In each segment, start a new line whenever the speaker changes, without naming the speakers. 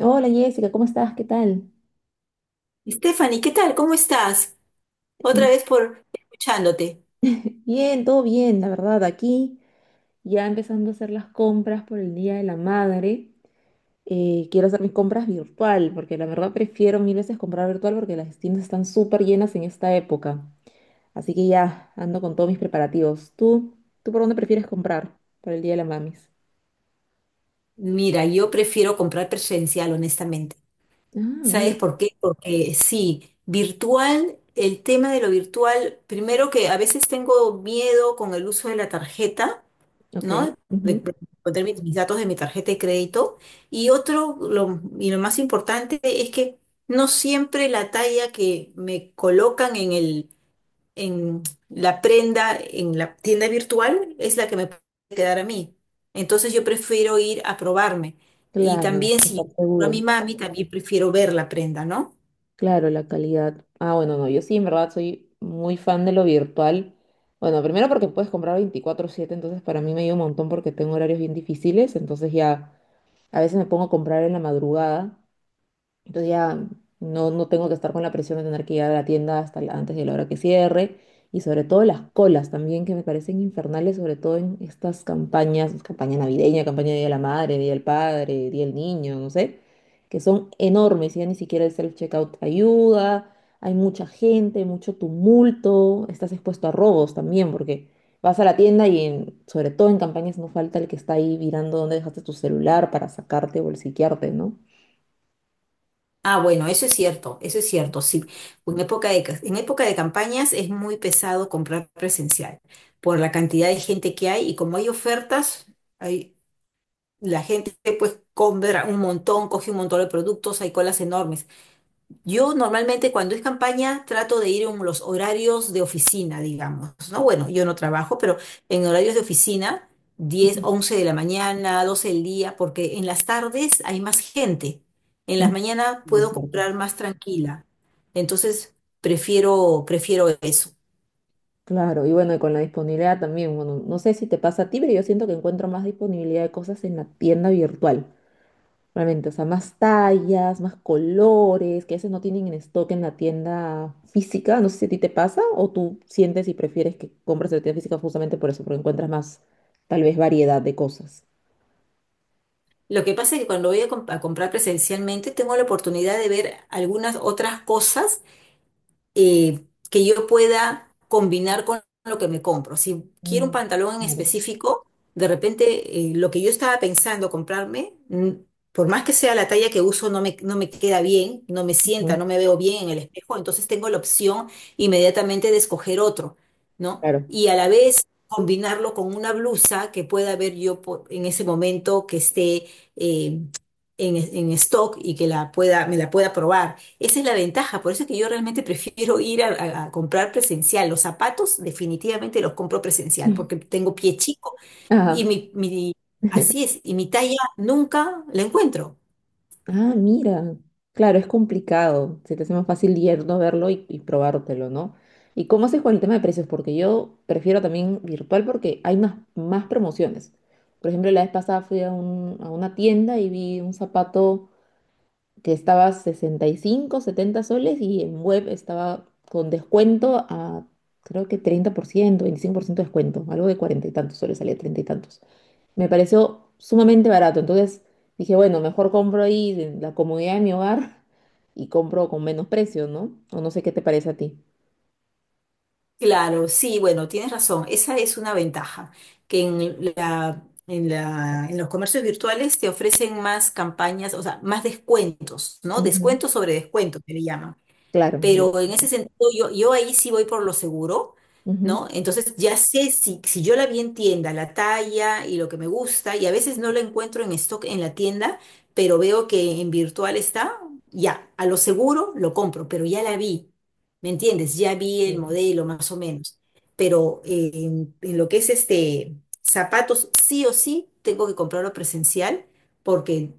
Hola Jessica, ¿cómo estás? ¿Qué tal?
Stephanie, ¿qué tal? ¿Cómo estás? Otra
Mm,
vez por escuchándote.
bien, todo bien, la verdad. Aquí ya empezando a hacer las compras por el Día de la Madre. Quiero hacer mis compras virtual, porque la verdad prefiero mil veces comprar virtual porque las tiendas están súper llenas en esta época. Así que ya ando con todos mis preparativos. ¿Tú por dónde prefieres comprar por el Día de la Mamis?
Mira, yo prefiero comprar presencial, honestamente.
Ah, mira,
¿Sabes por qué? Porque sí, virtual, el tema de lo virtual, primero que a veces tengo miedo con el uso de la tarjeta,
ok.
¿no? De,
Ujú.
de poner mis datos de mi tarjeta de crédito. Y otro, y lo más importante es que no siempre la talla que me colocan en la prenda, en la tienda virtual, es la que me puede quedar a mí. Entonces yo prefiero ir a probarme. Y
Claro,
también si
estar
yo compro a
segura.
mi mami, también prefiero ver la prenda, ¿no?
Claro, la calidad. Ah, bueno, no, yo sí, en verdad, soy muy fan de lo virtual. Bueno, primero porque puedes comprar veinticuatro siete, entonces para mí me ayuda un montón porque tengo horarios bien difíciles, entonces ya a veces me pongo a comprar en la madrugada, entonces ya no tengo que estar con la presión de tener que ir a la tienda hasta la- antes de la hora que cierre. Y sobre todo las colas también, que me parecen infernales, sobre todo en estas campañas, campaña navideña, campaña de Día de la Madre, Día del Padre, Día del Niño, no sé, que son enormes. Ya ni siquiera el self-checkout ayuda, hay mucha gente, mucho tumulto, estás expuesto a robos también, porque vas a la tienda y en- sobre todo en campañas no falta el que está ahí mirando dónde dejaste tu celular para sacarte o bolsiquearte, ¿no?
Ah, bueno, eso es cierto, sí. En época de campañas es muy pesado comprar presencial por la cantidad de gente que hay y como hay ofertas, hay, la gente pues compra un montón, coge un montón de productos, hay colas enormes. Yo normalmente cuando es campaña trato de ir en los horarios de oficina, digamos, ¿no? Bueno, yo no trabajo, pero en horarios de oficina, 10, 11 de la mañana, 12 del día, porque en las tardes hay más gente. En las
Mm,
mañanas
es
puedo
cierto.
comprar más tranquila. Entonces, prefiero eso.
Claro, y bueno, y con la disponibilidad también, bueno, no sé si te pasa a ti, pero yo siento que encuentro más disponibilidad de cosas en la tienda virtual, realmente, o sea, más tallas, más colores, que a veces no tienen en stock en la tienda física, no sé si a ti te pasa o tú sientes y prefieres que compres en la tienda física justamente por eso, porque encuentras más, tal vez, variedad de cosas.
Lo que pasa es que cuando voy a comprar presencialmente, tengo la oportunidad de ver algunas otras cosas que yo pueda combinar con lo que me compro. Si quiero un
Mm.
pantalón en
Claro.
específico, de repente lo que yo estaba pensando comprarme, por más que sea la talla que uso, no me queda bien, no me sienta,
Ujú.
no me veo bien en el espejo, entonces tengo la opción inmediatamente de escoger otro, ¿no?
Claro.
Y a la vez combinarlo con una blusa que pueda ver yo en ese momento que esté eh, en stock y que me la pueda probar. Esa es la ventaja, por eso es que yo realmente prefiero ir a comprar presencial. Los zapatos definitivamente los compro presencial porque tengo pie chico y
Ajá.
así es, y mi talla nunca la encuentro.
Ah, mira, claro, es complicado. Se te hace más fácil yerno verlo y probártelo, ¿no? ¿Y cómo haces con el tema de precios? Porque yo prefiero también virtual porque hay más, más promociones. Por ejemplo, la vez pasada fui a una tienda y vi un zapato que estaba 65, 70 soles y en web estaba con descuento a creo que treinta por ciento, veinticinco por ciento de descuento, algo de cuarenta y tantos soles, salía treinta y tantos, me pareció sumamente barato. Entonces dije, bueno, mejor compro ahí en la comodidad de mi hogar y compro con menos precio, ¿no? O no sé qué te parece a ti.
Claro, sí, bueno, tienes razón, esa es una ventaja, que en los comercios virtuales te ofrecen más campañas, o sea, más descuentos, ¿no?
Ujú.
Descuentos sobre descuentos, que le llaman.
Claro. el-
Pero en ese sentido, yo ahí sí voy por lo seguro, ¿no?
ujú.
Entonces ya sé si yo la vi en tienda, la talla y lo que me gusta, y a veces no la encuentro en stock en la tienda, pero veo que en virtual está, ya, a lo seguro lo compro, pero ya la vi, ¿me entiendes? Ya vi el
Mm.
modelo más o menos. Pero en lo que es este zapatos, sí o sí tengo que comprarlo presencial porque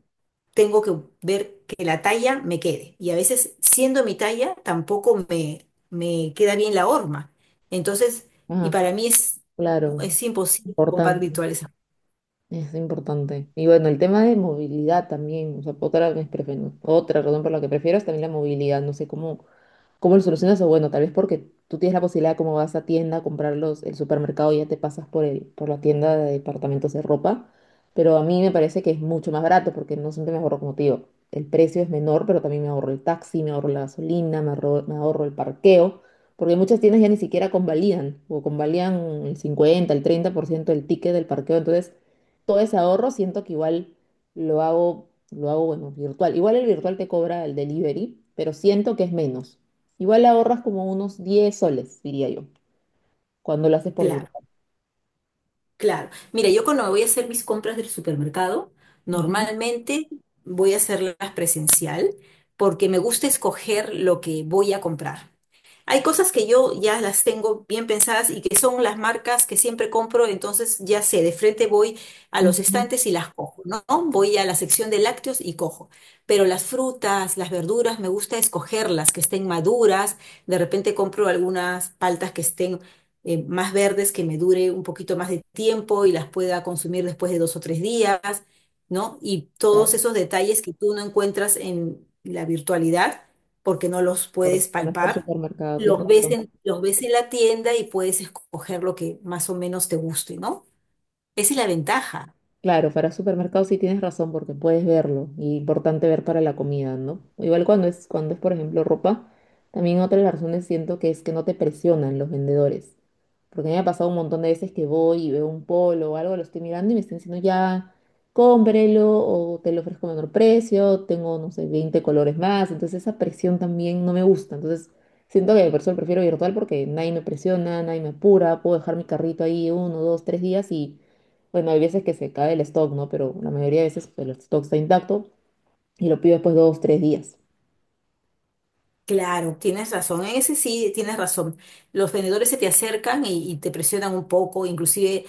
tengo que ver que la talla me quede. Y a veces, siendo mi talla, tampoco me queda bien la horma. Entonces, y
Ah,
para mí es,
claro.
es imposible comprar
Importante.
virtuales.
Es importante. Y bueno, el tema de movilidad también, o sea, otra, de mis prefe- otra razón por la que prefiero es también la movilidad. No sé cómo, cómo lo solucionas, o bueno, tal vez porque tú tienes la posibilidad, como vas a tienda a comprar los, el supermercado, y ya te pasas por el, por la tienda de departamentos de ropa, pero a mí me parece que es mucho más barato porque no siempre me ahorro, como te digo, el precio es menor, pero también me ahorro el taxi, me ahorro la gasolina, me ahorro el parqueo, porque muchas tiendas ya ni siquiera convalidan, o convalidan el 50 el 30% del ticket del parqueo, entonces todo ese ahorro siento que igual lo hago, bueno, virtual. Igual el virtual te cobra el delivery, pero siento que es menos. Igual ahorras como unos 10 soles, diría yo, cuando lo haces por
Claro.
virtual.
Claro. Mira, yo cuando voy a hacer mis compras del supermercado,
Ujú.
normalmente voy a hacerlas presencial porque me gusta escoger lo que voy a comprar. Hay cosas que yo ya las tengo bien pensadas y que son las marcas que siempre compro, entonces ya sé, de frente voy a los
Ujú.
estantes y las cojo, ¿no? Voy a la sección de lácteos y cojo. Pero las frutas, las verduras, me gusta escogerlas, que estén maduras. De repente compro algunas paltas que estén más verdes que me dure un poquito más de tiempo y las pueda consumir después de 2 o 3 días, ¿no? Y todos
Claro,
esos detalles que tú no encuentras en la virtualidad porque no los
por,
puedes
cuando es por
palpar,
supermercado, tienes razón.
los ves en la tienda y puedes escoger lo que más o menos te guste, ¿no? Esa es la ventaja.
Claro, para supermercados sí tienes razón porque puedes verlo y importante ver para la comida, ¿no? Igual cuando es por ejemplo ropa, también otra de las razones siento que es que no te presionan los vendedores. Porque a mí me ha pasado un montón de veces que voy y veo un polo o algo, lo estoy mirando y me están diciendo ya, cómprelo o te lo ofrezco a menor precio, tengo, no sé, 20 colores más. Entonces esa presión también no me gusta. Entonces siento que por eso prefiero virtual porque nadie me presiona, nadie me apura, puedo dejar mi carrito ahí uno, dos, tres días y bueno, hay veces que se cae el stock, ¿no? Pero la mayoría de veces pues, el stock está intacto y lo pido después de dos, tres días.
Claro, tienes razón. En ese sí tienes razón. Los vendedores se te acercan y te presionan un poco, inclusive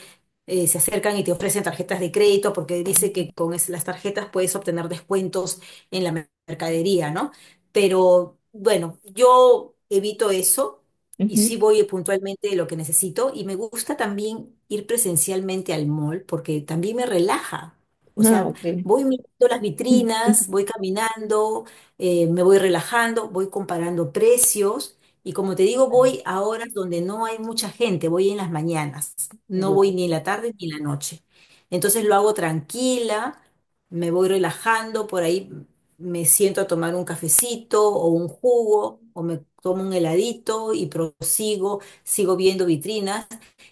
se acercan y te ofrecen tarjetas de crédito porque dice que con las tarjetas puedes obtener descuentos en la mercadería, ¿no? Pero bueno, yo evito eso y sí
Ujú.
voy puntualmente de lo que necesito y me gusta también ir presencialmente al mall porque también me relaja. O
Ah,
sea,
ok.
voy mirando las vitrinas, voy caminando me voy relajando, voy comparando precios y como te digo, voy a horas donde no hay mucha gente, voy en las mañanas, no voy
Ya,
ni en la tarde ni en la noche. Entonces lo hago tranquila, me voy relajando, por ahí me siento a tomar un cafecito o un jugo o me tomo un heladito y prosigo, sigo viendo vitrinas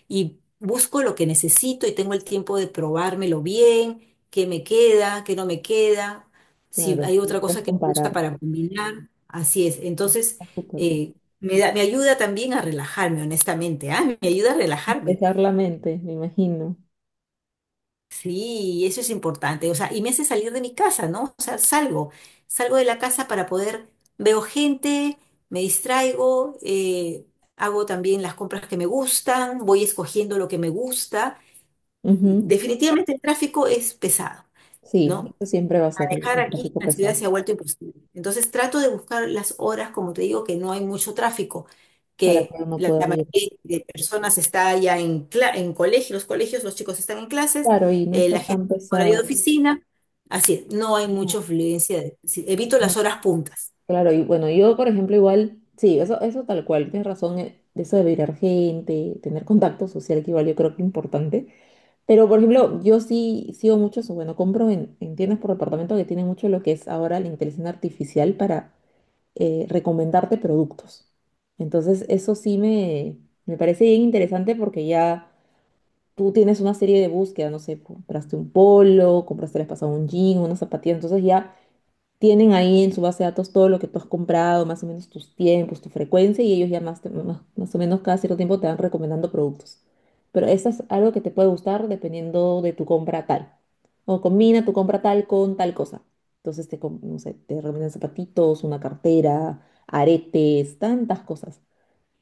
y busco lo que necesito y tengo el tiempo de probármelo bien, qué me queda, qué no me queda, si
claro,
hay
sí,
otra cosa
puedes
que me gusta
comparar.
para combinar, así es.
Mm,
Entonces,
está súper.
eh, me ayuda también a relajarme, honestamente. Ah, me ayuda a relajarme.
Despejar la mente, me imagino.
Sí, eso es importante. O sea, y me hace salir de mi casa, ¿no? O sea, salgo de la casa para poder, veo gente, me distraigo, hago también las compras que me gustan, voy escogiendo lo que me gusta.
Ujú.
Definitivamente el tráfico es pesado,
Sí,
¿no?
eso siempre va a ser el
Manejar
el
aquí
tráfico
en la ciudad
pesado
se ha vuelto imposible. Entonces trato de buscar las horas, como te digo, que no hay mucho tráfico,
para
que
que uno
la
pueda
la
ir.
mayoría de personas está ya en colegio, los colegios, los chicos están en clases,
Claro, y no está
la gente
tan
en horario de
pesado.
oficina, así, no hay
No,
mucha fluencia. Sí, evito las
no.
horas puntas.
Claro, y bueno, yo por ejemplo igual, sí, eso tal cual, tienes razón, de eso de virar gente, tener contacto social que igual yo creo que es importante. Pero, por ejemplo, yo sí sigo mucho eso. Bueno, compro en tiendas por departamento que tienen mucho lo que es ahora la inteligencia artificial para recomendarte productos. Entonces, eso sí me parece bien interesante porque ya tú tienes una serie de búsquedas, no sé, compraste un polo, compraste el pasado un jean, una zapatilla. Entonces, ya tienen ahí en su base de datos todo lo que tú has comprado, más o menos tus tiempos, tu frecuencia, y ellos ya más, te- más, más o menos cada cierto tiempo te van recomendando productos. Pero eso es algo que te puede gustar dependiendo de tu compra tal. O combina tu compra tal con tal cosa. Entonces te, com- no sé, te recomiendan zapatitos, una cartera, aretes, tantas cosas.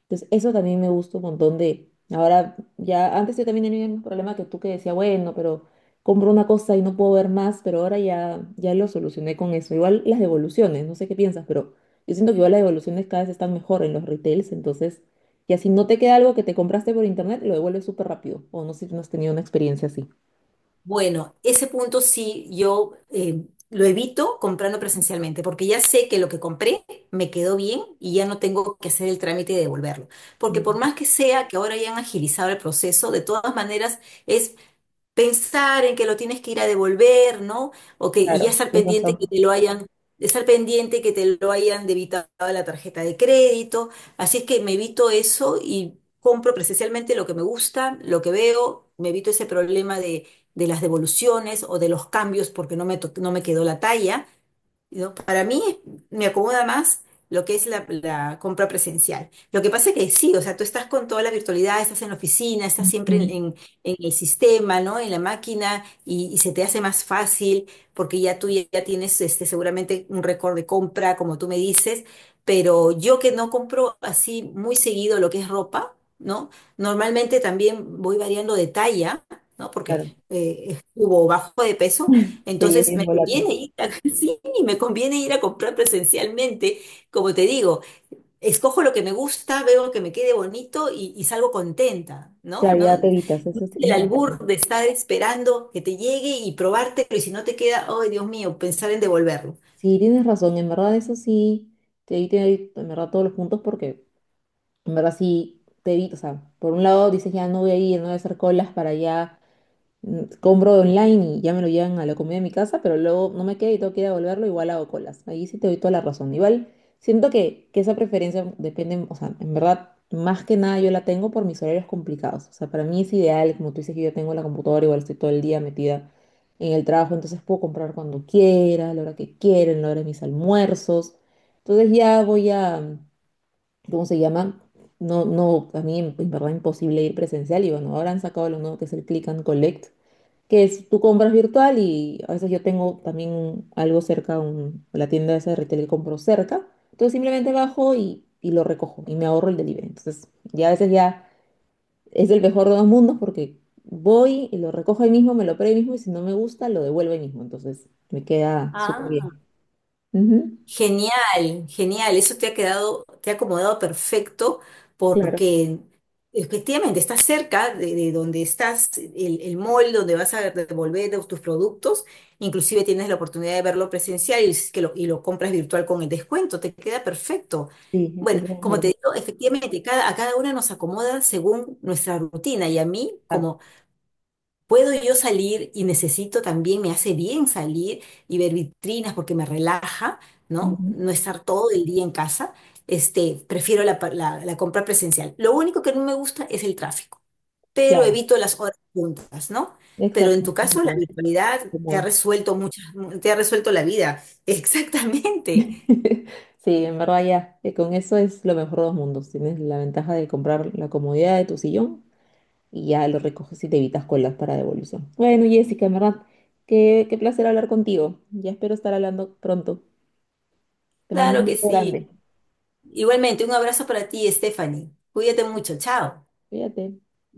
Entonces, eso también me gusta un montón de... Ahora, ya antes yo también tenía el mismo problema que tú que decía, bueno, pero compro una cosa y no puedo ver más, pero ahora ya lo solucioné con eso. Igual las devoluciones, no sé qué piensas, pero yo siento que igual las devoluciones cada vez están mejor en los retails, entonces, ya si no te queda algo que te compraste por internet, lo devuelves súper rápido. O no sé si no has tenido una experiencia así.
Bueno, ese punto sí yo lo evito comprando presencialmente, porque ya sé que lo que compré me quedó bien y ya no tengo que hacer el trámite de devolverlo. Porque por
Mm.
más que sea que ahora hayan agilizado el proceso, de todas maneras es pensar en que lo tienes que ir a devolver, ¿no? Y ya
Claro, tienes razón.
estar pendiente que te lo hayan debitado a la tarjeta de crédito. Así es que me evito eso y compro presencialmente lo que me gusta, lo que veo, me evito ese problema de las devoluciones o de los cambios porque no me quedó la talla. ¿No? Para mí me acomoda más lo que es la compra presencial. Lo que pasa es que sí, o sea, tú estás con toda la virtualidad, estás en la oficina, estás siempre
Mm.
en el sistema, ¿no? En la máquina y se te hace más fácil porque ya tú ya tienes seguramente un récord de compra, como tú me dices, pero yo que no compro así muy seguido lo que es ropa, ¿no? Normalmente también voy variando de talla, ¿no?
Claro,
Porque subo o bajo de peso,
sí, es
entonces
bien
me
volátil.
conviene y me conviene ir a comprar presencialmente. Como te digo, escojo lo que me gusta, veo que me quede bonito y salgo contenta, ¿no?
Claro,
No
ya te evitas, eso
el
tienes
albur
razón.
de estar esperando que te llegue y probártelo y si no te queda, ay, Dios mío, pensar en devolverlo.
Sí, tienes razón, en verdad eso sí, te di, te doy, en verdad todos los puntos porque en verdad sí te evito, o sea, por un lado dices ya no voy a ir, no voy a hacer colas para allá. Mm. Compro online y ya me lo llevan a la comida de mi casa, pero luego no me queda y tengo que ir a devolverlo, igual hago colas. Ahí sí te doy toda la razón. Igual siento que esa preferencia depende, o sea, en verdad, más que nada yo la tengo por mis horarios complicados. O sea, para mí es ideal, como tú dices que yo tengo la computadora, igual estoy todo el día metida en el trabajo, entonces puedo comprar cuando quiera, a la hora que quiera, en la hora de mis almuerzos. Entonces ya voy a, ¿cómo se llama? No, no, a mí en verdad imposible ir presencial y bueno, ahora han sacado lo nuevo que es el Click and Collect, que es, tú compras virtual y a veces yo tengo también algo cerca, la tienda esa de retail que compro cerca, entonces simplemente bajo y lo recojo y me ahorro el delivery. Entonces ya a veces ya es el mejor de dos mundos porque voy y lo recojo ahí mismo, me lo pruebo ahí mismo y si no me gusta lo devuelvo ahí mismo, entonces me queda súper
Ah.
bien. Ujú.
Genial, genial. Eso te ha quedado, te ha acomodado perfecto
Claro,
porque efectivamente estás cerca de donde estás, el mall donde vas a devolver tus productos. Inclusive tienes la oportunidad de verlo presencial y lo compras virtual con el descuento. Te queda perfecto.
sí, es
Bueno,
el
como te
mejor.
digo, efectivamente a cada una nos acomoda según nuestra rutina y a mí,
Exacto.
como Puedo yo salir y necesito también, me hace bien salir y ver vitrinas porque me relaja, ¿no?
Ujú.
No estar todo el día en casa. Prefiero la compra presencial. Lo único que no me gusta es el tráfico, pero
Claro,
evito las horas juntas, ¿no? Pero
exacto.
en tu
es
caso, la
lo-
virtualidad te ha
cómodo.
resuelto la vida. Exactamente.
Sí, en verdad ya, con eso es lo mejor de los mundos. Tienes la ventaja de comprar la comodidad de tu sillón y ya lo recoges y te evitas colas para devolución. Bueno, Jessica, en verdad, qué placer hablar contigo. Ya espero estar hablando pronto. Te mando
Claro
un
que
beso grande.
sí. Igualmente, un abrazo para ti, Stephanie. Cuídate mucho. Chao.
Cuídate.